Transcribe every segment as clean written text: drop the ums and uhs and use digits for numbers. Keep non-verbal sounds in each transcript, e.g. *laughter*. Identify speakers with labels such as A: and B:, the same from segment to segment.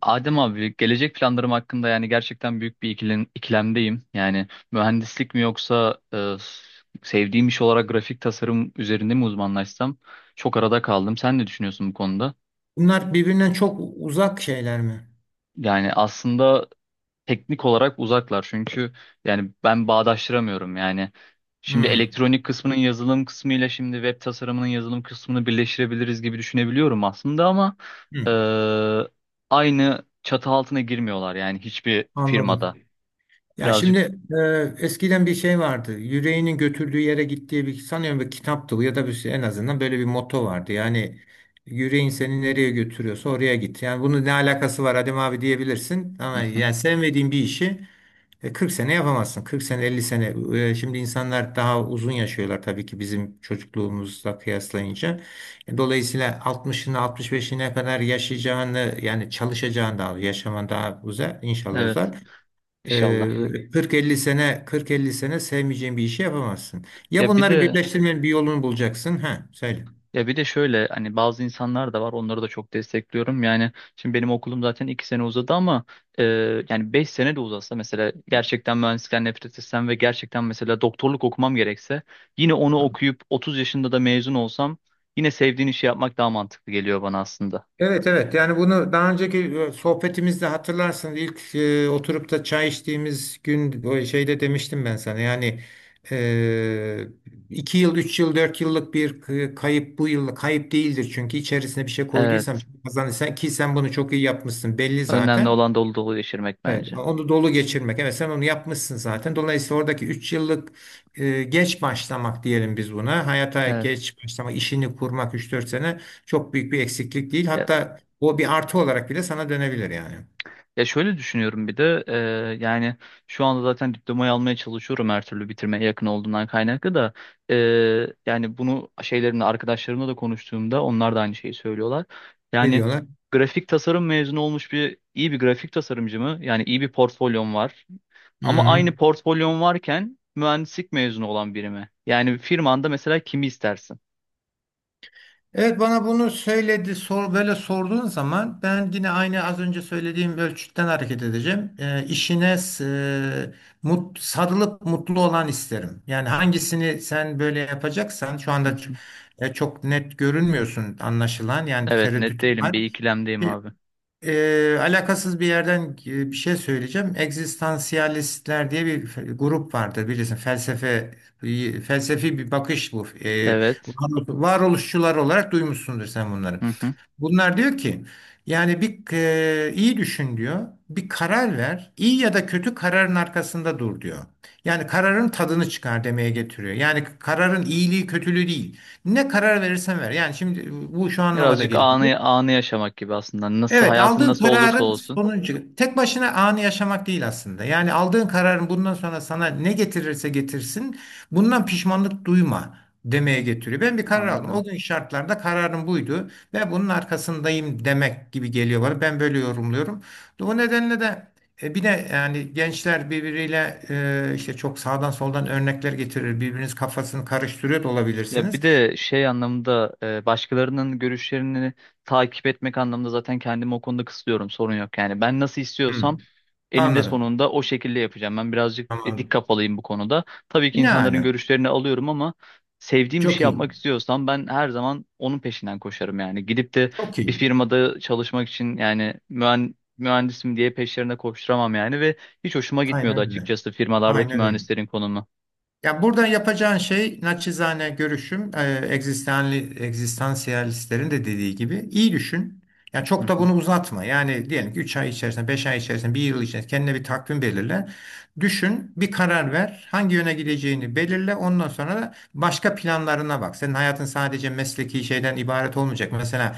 A: Adem abi gelecek planlarım hakkında yani gerçekten büyük bir ikilemdeyim. Yani mühendislik mi yoksa sevdiğim iş olarak grafik tasarım üzerinde mi uzmanlaşsam çok arada kaldım. Sen ne düşünüyorsun bu konuda?
B: Bunlar birbirinden çok uzak şeyler mi?
A: Yani aslında teknik olarak uzaklar çünkü yani ben bağdaştıramıyorum yani. Şimdi
B: Hmm,
A: elektronik kısmının yazılım kısmıyla şimdi web tasarımının yazılım kısmını birleştirebiliriz gibi düşünebiliyorum aslında ama e,
B: hmm,
A: aynı çatı altına girmiyorlar yani hiçbir firmada.
B: anladım. Ya
A: Birazcık.
B: şimdi eskiden bir şey vardı. Yüreğinin götürdüğü yere gittiği bir sanıyorum bir kitaptı bu ya da bir şey, en azından böyle bir motto vardı. Yani yüreğin seni nereye götürüyorsa oraya git. Yani bunun ne alakası var Adem abi diyebilirsin.
A: Hı
B: Ama
A: hı.
B: yani sevmediğin bir işi 40 sene yapamazsın. 40 sene 50 sene. Şimdi insanlar daha uzun yaşıyorlar tabii ki bizim çocukluğumuzla kıyaslayınca. Dolayısıyla 60'ına 65'ine kadar yaşayacağını yani çalışacağını daha yaşaman daha uzar inşallah
A: Evet,
B: uzar.
A: inşallah.
B: E, 40-50 sene sevmeyeceğin bir işi yapamazsın. Ya
A: Ya bir
B: bunları
A: de
B: birleştirmenin bir yolunu bulacaksın. Ha söyle.
A: Ya bir de şöyle hani bazı insanlar da var, onları da çok destekliyorum. Yani şimdi benim okulum zaten iki sene uzadı ama e, yani beş sene de uzasa mesela gerçekten mühendislikten nefret etsem ve gerçekten mesela doktorluk okumam gerekse yine onu okuyup 30 yaşında da mezun olsam yine sevdiğin işi yapmak daha mantıklı geliyor bana aslında.
B: Evet, evet, yani bunu daha önceki sohbetimizde hatırlarsın ilk oturup da çay içtiğimiz gün o şeyde demiştim ben sana yani e, 2 yıl 3 yıl 4 yıllık bir kayıp bu yıllık kayıp değildir çünkü içerisine bir şey koyduysam
A: Evet.
B: kazanırsan ki sen bunu çok iyi yapmışsın belli
A: Önemli
B: zaten.
A: olan dolu dolu geçirmek
B: Evet,
A: bence.
B: onu dolu geçirmek. Evet, sen onu yapmışsın zaten. Dolayısıyla oradaki 3 yıllık geç başlamak diyelim biz buna. Hayata
A: Evet.
B: geç başlamak, işini kurmak 3-4 sene çok büyük bir eksiklik değil. Hatta o bir artı olarak bile sana dönebilir yani.
A: Ya şöyle düşünüyorum bir de yani şu anda zaten diplomayı almaya çalışıyorum, her türlü bitirmeye yakın olduğundan kaynaklı da e, yani bunu şeylerimle arkadaşlarımla da konuştuğumda onlar da aynı şeyi söylüyorlar.
B: Ne
A: Yani
B: diyorlar?
A: grafik tasarım mezunu olmuş bir iyi bir grafik tasarımcı mı? Yani iyi bir portfolyon var.
B: Hı
A: Ama
B: hı.
A: aynı portfolyon varken mühendislik mezunu olan biri mi? Yani firmanda mesela kimi istersin?
B: Evet, bana bunu söyledi sor böyle sorduğun zaman ben yine aynı az önce söylediğim ölçütten hareket edeceğim. İşine sarılıp mutlu olan isterim. Yani hangisini sen böyle yapacaksan şu anda
A: Hı hı.
B: çok net görünmüyorsun anlaşılan yani
A: Evet, net
B: tereddütün
A: değilim,
B: var.
A: bir ikilemdeyim abi.
B: Alakasız bir yerden bir şey söyleyeceğim. Egzistansiyalistler diye bir grup vardır bilirsin. Felsefe felsefi bir bakış bu.
A: Evet.
B: Varoluşçular olarak duymuşsundur sen bunları.
A: *laughs*
B: Bunlar diyor ki yani bir iyi düşün diyor. Bir karar ver. İyi ya da kötü kararın arkasında dur diyor. Yani kararın tadını çıkar demeye getiriyor. Yani kararın iyiliği kötülüğü değil. Ne karar verirsen ver. Yani şimdi bu şu anlamada
A: Birazcık
B: geliyor.
A: anı anı yaşamak gibi aslında. Nasıl
B: Evet,
A: hayatın
B: aldığın
A: nasıl olursa
B: kararın
A: olsun.
B: sonucu tek başına anı yaşamak değil aslında. Yani aldığın kararın bundan sonra sana ne getirirse getirsin, bundan pişmanlık duyma demeye getiriyor. Ben bir karar aldım.
A: Anladım.
B: O gün şartlarda kararım buydu ve bunun arkasındayım demek gibi geliyor bana. Ben böyle yorumluyorum. O nedenle de bir de yani gençler birbiriyle işte çok sağdan soldan örnekler getirir. Birbiriniz kafasını karıştırıyor da
A: Ya
B: olabilirsiniz.
A: bir de şey anlamında başkalarının görüşlerini takip etmek anlamında zaten kendimi o konuda kısıtlıyorum. Sorun yok. Yani ben nasıl istiyorsam
B: Hmm,
A: elinde
B: anladım.
A: sonunda o şekilde yapacağım. Ben birazcık
B: Tamamdır.
A: dik kafalıyım bu konuda. Tabii ki
B: Ne
A: insanların
B: ala.
A: görüşlerini alıyorum ama sevdiğim bir şey
B: Çok iyi.
A: yapmak istiyorsam ben her zaman onun peşinden koşarım yani. Gidip de
B: Çok
A: bir
B: iyi.
A: firmada çalışmak için yani mühendisim diye peşlerine koşturamam yani ve hiç hoşuma gitmiyordu
B: Aynen öyle.
A: açıkçası firmalardaki
B: Aynen öyle.
A: mühendislerin konumu.
B: Ya buradan yapacağın şey naçizane görüşüm egzistansiyalistlerin de dediği gibi iyi düşün. Ya
A: Hı
B: çok da
A: hı.
B: bunu uzatma. Yani diyelim ki 3 ay içerisinde, 5 ay içerisinde, bir yıl içerisinde kendine bir takvim belirle. Düşün, bir karar ver. Hangi yöne gideceğini belirle. Ondan sonra da başka planlarına bak. Senin hayatın sadece mesleki şeyden ibaret olmayacak. Mesela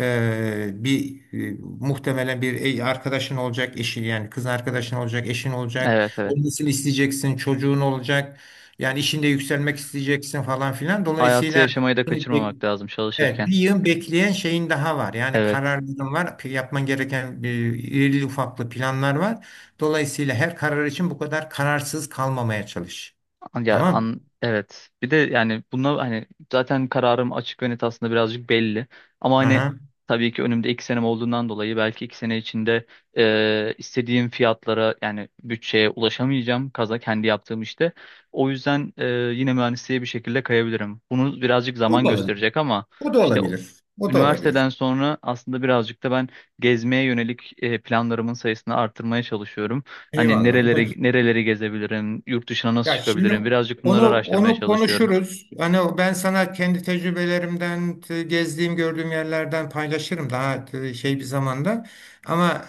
B: bir muhtemelen bir arkadaşın olacak, eşin yani kız arkadaşın olacak, eşin olacak.
A: Evet evet.
B: Olmasını isteyeceksin, çocuğun olacak. Yani işinde yükselmek isteyeceksin falan filan.
A: Hayatı
B: Dolayısıyla
A: yaşamayı da
B: şimdi
A: kaçırmamak lazım
B: evet,
A: çalışırken.
B: bir yığın bekleyen şeyin daha var. Yani
A: Evet.
B: kararların var. Yapman gereken irili ufaklı planlar var. Dolayısıyla her karar için bu kadar kararsız kalmamaya çalış.
A: Ya
B: Tamam?
A: an evet. Bir de yani buna hani zaten kararım açık ve net, aslında birazcık belli. Ama hani
B: Aha.
A: tabii ki önümde iki senem olduğundan dolayı belki iki sene içinde istediğim fiyatlara yani bütçeye ulaşamayacağım kaza kendi yaptığım işte. O yüzden yine mühendisliğe bir şekilde kayabilirim. Bunu birazcık
B: O
A: zaman
B: da olabilir.
A: gösterecek ama
B: O da
A: işte o-
B: olabilir. O da olabilir.
A: üniversiteden sonra aslında birazcık da ben gezmeye yönelik planlarımın sayısını artırmaya çalışıyorum. Hani
B: Eyvallah. O da
A: nereleri
B: güzel.
A: nereleri gezebilirim, yurt dışına nasıl
B: Ya şimdi
A: çıkabilirim? Birazcık bunları
B: onu
A: araştırmaya
B: onu
A: çalışıyorum.
B: konuşuruz. Hani ben sana kendi tecrübelerimden, gezdiğim, gördüğüm yerlerden paylaşırım daha şey bir zamanda. Ama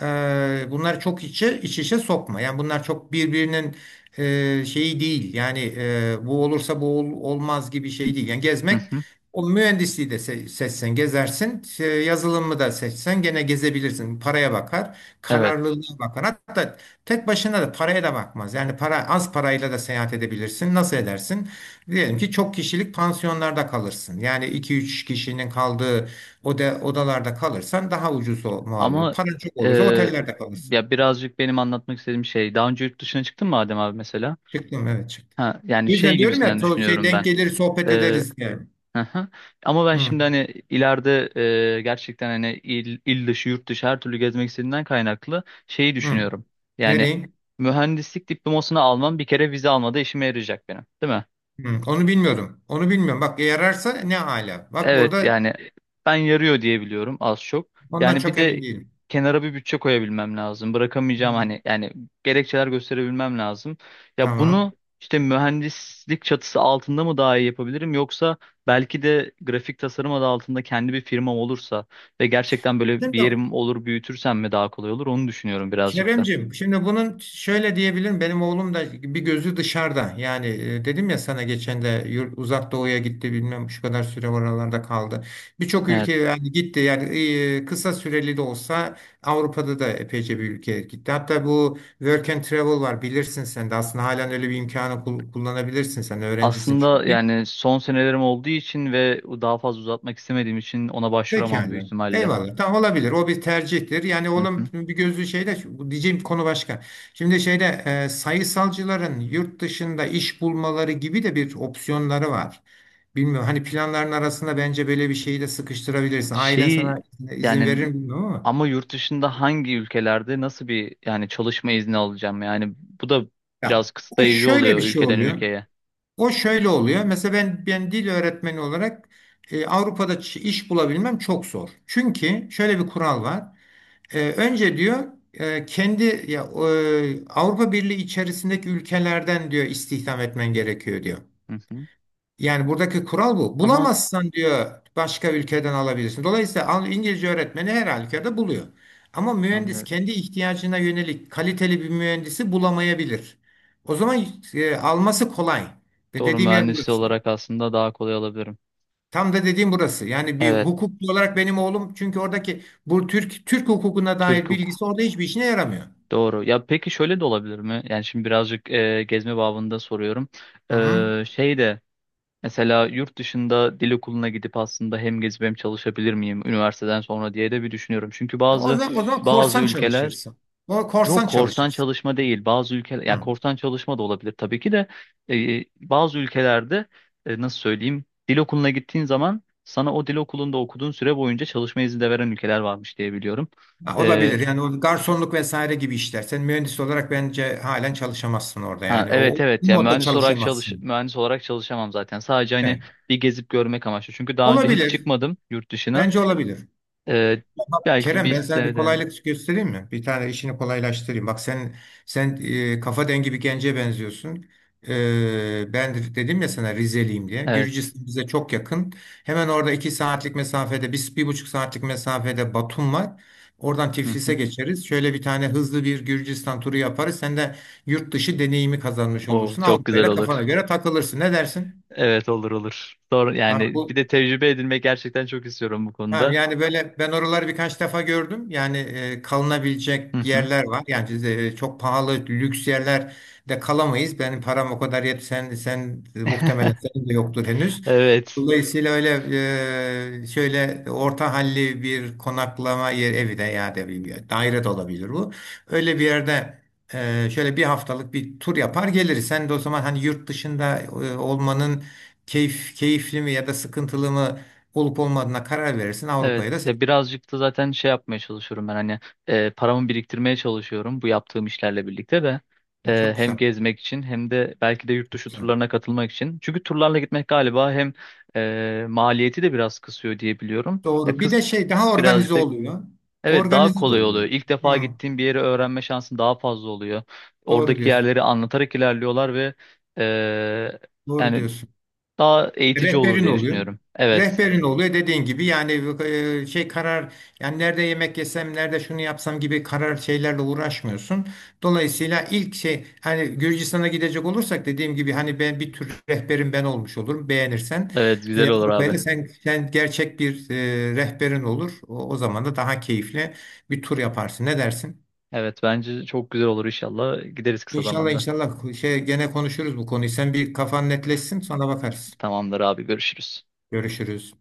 B: bunlar çok içe iç içe sokma. Yani bunlar çok birbirinin şeyi değil. Yani bu olursa bu olmaz gibi şey değil. Yani
A: Hı
B: gezmek
A: hı.
B: o mühendisliği de seçsen gezersin, şey, yazılımı da seçsen gene gezebilirsin. Paraya bakar,
A: Evet.
B: kararlılığa bakar. Hatta tek başına da paraya da bakmaz. Yani para az parayla da seyahat edebilirsin. Nasıl edersin? Diyelim ki çok kişilik pansiyonlarda kalırsın. Yani 2-3 kişinin kaldığı odalarda kalırsan daha ucuz mal olur.
A: Ama
B: Paran çok
A: e,
B: olursa otellerde kalırsın.
A: ya birazcık benim anlatmak istediğim şey, daha önce yurt dışına çıktın mı Adem abi mesela?
B: Çıktım, evet, çıktım.
A: Ha, yani
B: O
A: şey
B: yüzden diyorum ya
A: gibisinden
B: şey
A: düşünüyorum
B: denk
A: ben.
B: gelir sohbet
A: E,
B: ederiz diye.
A: hı hı. Ama ben
B: Hı,
A: şimdi hani ileride gerçekten hani il, il dışı, yurt dışı her türlü gezmek istediğimden kaynaklı şeyi
B: hı.
A: düşünüyorum. Yani
B: Nereye?
A: mühendislik diplomasını almam bir kere vize almada işime yarayacak benim, değil mi?
B: Hı, onu bilmiyordum. Onu bilmiyorum. Bak yararsa ne ala. Bak
A: Evet
B: burada
A: yani ben yarıyor diye biliyorum az çok.
B: ondan
A: Yani bir
B: çok emin
A: de
B: değilim.
A: kenara bir bütçe koyabilmem lazım. Bırakamayacağım
B: Hı,
A: hani yani gerekçeler gösterebilmem lazım. Ya
B: tamam.
A: bunu işte mühendislik çatısı altında mı daha iyi yapabilirim, yoksa belki de grafik tasarım adı altında kendi bir firmam olursa ve gerçekten böyle bir
B: Şimdi
A: yerim olur, büyütürsem mi daha kolay olur, onu düşünüyorum birazcık da.
B: Keremcim, şimdi bunun şöyle diyebilirim. Benim oğlum da bir gözü dışarıda. Yani dedim ya sana geçen de yurt, uzak doğuya gitti bilmem şu kadar süre oralarda kaldı. Birçok
A: Evet.
B: ülke yani gitti. Yani kısa süreli de olsa Avrupa'da da epeyce bir ülke gitti. Hatta bu work and travel var bilirsin sen de. Aslında halen öyle bir imkanı kullanabilirsin sen öğrencisin
A: Aslında
B: çünkü.
A: yani son senelerim olduğu için ve daha fazla uzatmak istemediğim için ona başvuramam büyük
B: Pekala.
A: ihtimalle.
B: Eyvallah. Tamam olabilir. O bir tercihtir. Yani oğlum
A: *laughs*
B: bir gözlü şeyde bu diyeceğim konu başka. Şimdi şeyde sayısalcıların yurt dışında iş bulmaları gibi de bir opsiyonları var. Bilmiyorum hani planların arasında bence böyle bir şeyi de sıkıştırabilirsin. Ailen
A: Şeyi
B: sana izin
A: yani
B: verir mi bilmiyorum ama.
A: ama yurt dışında hangi ülkelerde nasıl bir yani çalışma izni alacağım? Yani bu da
B: Ya,
A: biraz
B: o
A: kısıtlayıcı
B: şöyle bir
A: oluyor
B: şey
A: ülkeden
B: oluyor.
A: ülkeye.
B: O şöyle oluyor. Mesela ben dil öğretmeni olarak Avrupa'da iş bulabilmem çok zor. Çünkü şöyle bir kural var. Önce diyor kendi ya Avrupa Birliği içerisindeki ülkelerden diyor istihdam etmen gerekiyor diyor.
A: Hı hı.
B: Yani buradaki kural bu.
A: Ama
B: Bulamazsan diyor başka ülkeden alabilirsin. Dolayısıyla İngilizce öğretmeni her halükarda buluyor. Ama mühendis
A: anlıyorum.
B: kendi ihtiyacına yönelik kaliteli bir mühendisi bulamayabilir. O zaman alması kolay. Ve
A: Doğru,
B: dediğim yer
A: mühendis
B: burası.
A: olarak aslında daha kolay alabilirim.
B: Tam da dediğim burası. Yani bir
A: Evet,
B: hukukçu olarak benim oğlum çünkü oradaki bu Türk hukukuna
A: Türk
B: dair
A: hukuk.
B: bilgisi orada hiçbir işine yaramıyor.
A: Doğru. Ya peki şöyle de olabilir mi? Yani şimdi birazcık gezme babında soruyorum.
B: Hı hı.
A: E, şey de mesela yurt dışında dil okuluna gidip aslında hem gezip hem çalışabilir miyim üniversiteden sonra diye de bir düşünüyorum. Çünkü
B: O zaman,
A: bazı
B: korsan
A: ülkeler.
B: çalışırsın. O
A: Yok,
B: korsan
A: korsan
B: çalışırsın.
A: çalışma değil. Bazı ülkeler ya
B: Hı.
A: korsan çalışma da olabilir tabii ki de bazı ülkelerde nasıl söyleyeyim, dil okuluna gittiğin zaman sana o dil okulunda okuduğun süre boyunca çalışma izni de veren ülkeler varmış diye biliyorum.
B: Ha,
A: E,
B: olabilir. Yani o garsonluk vesaire gibi işler. Sen mühendis olarak bence halen çalışamazsın orada
A: ha,
B: yani. O
A: evet evet, ya
B: modda çalışamazsın.
A: mühendis olarak çalışamam zaten. Sadece hani
B: Evet.
A: bir gezip görmek amaçlı. Çünkü daha önce hiç
B: Olabilir.
A: çıkmadım yurt dışına.
B: Bence olabilir.
A: E,
B: Tamam,
A: belki
B: Kerem,
A: bir
B: ben sana bir
A: sene de-.
B: kolaylık göstereyim mi? Bir tane işini kolaylaştırayım. Bak sen kafa dengi bir gence benziyorsun. Ben de dedim ya sana Rizeliyim diye.
A: Evet.
B: Gürcistan bize çok yakın. Hemen orada 2 saatlik mesafede, 1,5 saatlik mesafede Batum var. Oradan
A: Hı
B: Tiflis'e
A: hı.
B: geçeriz. Şöyle bir tane hızlı bir Gürcistan turu yaparız. Sen de yurt dışı deneyimi kazanmış
A: O
B: olursun.
A: çok güzel
B: Avrupa'yla
A: olur.
B: kafana göre takılırsın. Ne dersin?
A: Evet olur olur. Doğru,
B: Tamam,
A: yani bir
B: bu
A: de tecrübe edinmek gerçekten çok istiyorum bu
B: ha,
A: konuda.
B: yani böyle ben oraları birkaç defa gördüm. Yani
A: Hı
B: kalınabilecek
A: hı.
B: yerler var. Yani çok pahalı lüks yerler de kalamayız. Benim param o kadar yet. Sen muhtemelen
A: *laughs*
B: senin de yoktur henüz.
A: Evet.
B: Dolayısıyla öyle şöyle orta halli bir konaklama yer evi de ya da bir daire de olabilir bu. Öyle bir yerde şöyle 1 haftalık bir tur yapar geliriz. Sen de o zaman hani yurt dışında olmanın keyifli mi ya da sıkıntılı mı olup olmadığına karar verirsin. Avrupa'ya da
A: Evet.
B: seçersin.
A: Ya birazcık da zaten şey yapmaya çalışıyorum ben hani paramı biriktirmeye çalışıyorum bu yaptığım işlerle birlikte de. E,
B: Çok
A: hem
B: güzel.
A: gezmek için hem de belki de yurt
B: Çok
A: dışı
B: güzel.
A: turlarına katılmak için. Çünkü turlarla gitmek galiba hem maliyeti de biraz kısıyor diye biliyorum. Ya
B: Doğru. Bir de
A: kıs
B: şey daha organize
A: birazcık da
B: oluyor.
A: Evet, daha
B: Organize de
A: kolay oluyor.
B: oluyor.
A: İlk
B: Hı,
A: defa gittiğin bir yeri öğrenme şansın daha fazla oluyor.
B: doğru
A: Oradaki
B: diyorsun.
A: yerleri anlatarak ilerliyorlar ve eee,
B: Doğru
A: yani
B: diyorsun.
A: daha eğitici olur
B: Rehberin
A: diye
B: oluyor.
A: düşünüyorum. Evet.
B: Rehberin oluyor dediğin gibi yani şey karar yani nerede yemek yesem nerede şunu yapsam gibi karar şeylerle uğraşmıyorsun. Dolayısıyla ilk şey hani Gürcistan'a gidecek olursak dediğim gibi hani ben bir tür rehberin ben olmuş olurum beğenirsen.
A: Evet, güzel olur
B: Avrupa'ya
A: abi.
B: da sen gerçek bir rehberin olur. O zaman da daha keyifli bir tur yaparsın. Ne dersin?
A: Evet, bence çok güzel olur inşallah. Gideriz kısa
B: İnşallah,
A: zamanda.
B: inşallah, şey gene konuşuruz bu konuyu. Sen bir kafan netleşsin sonra bakarız.
A: Tamamdır abi, görüşürüz.
B: Görüşürüz.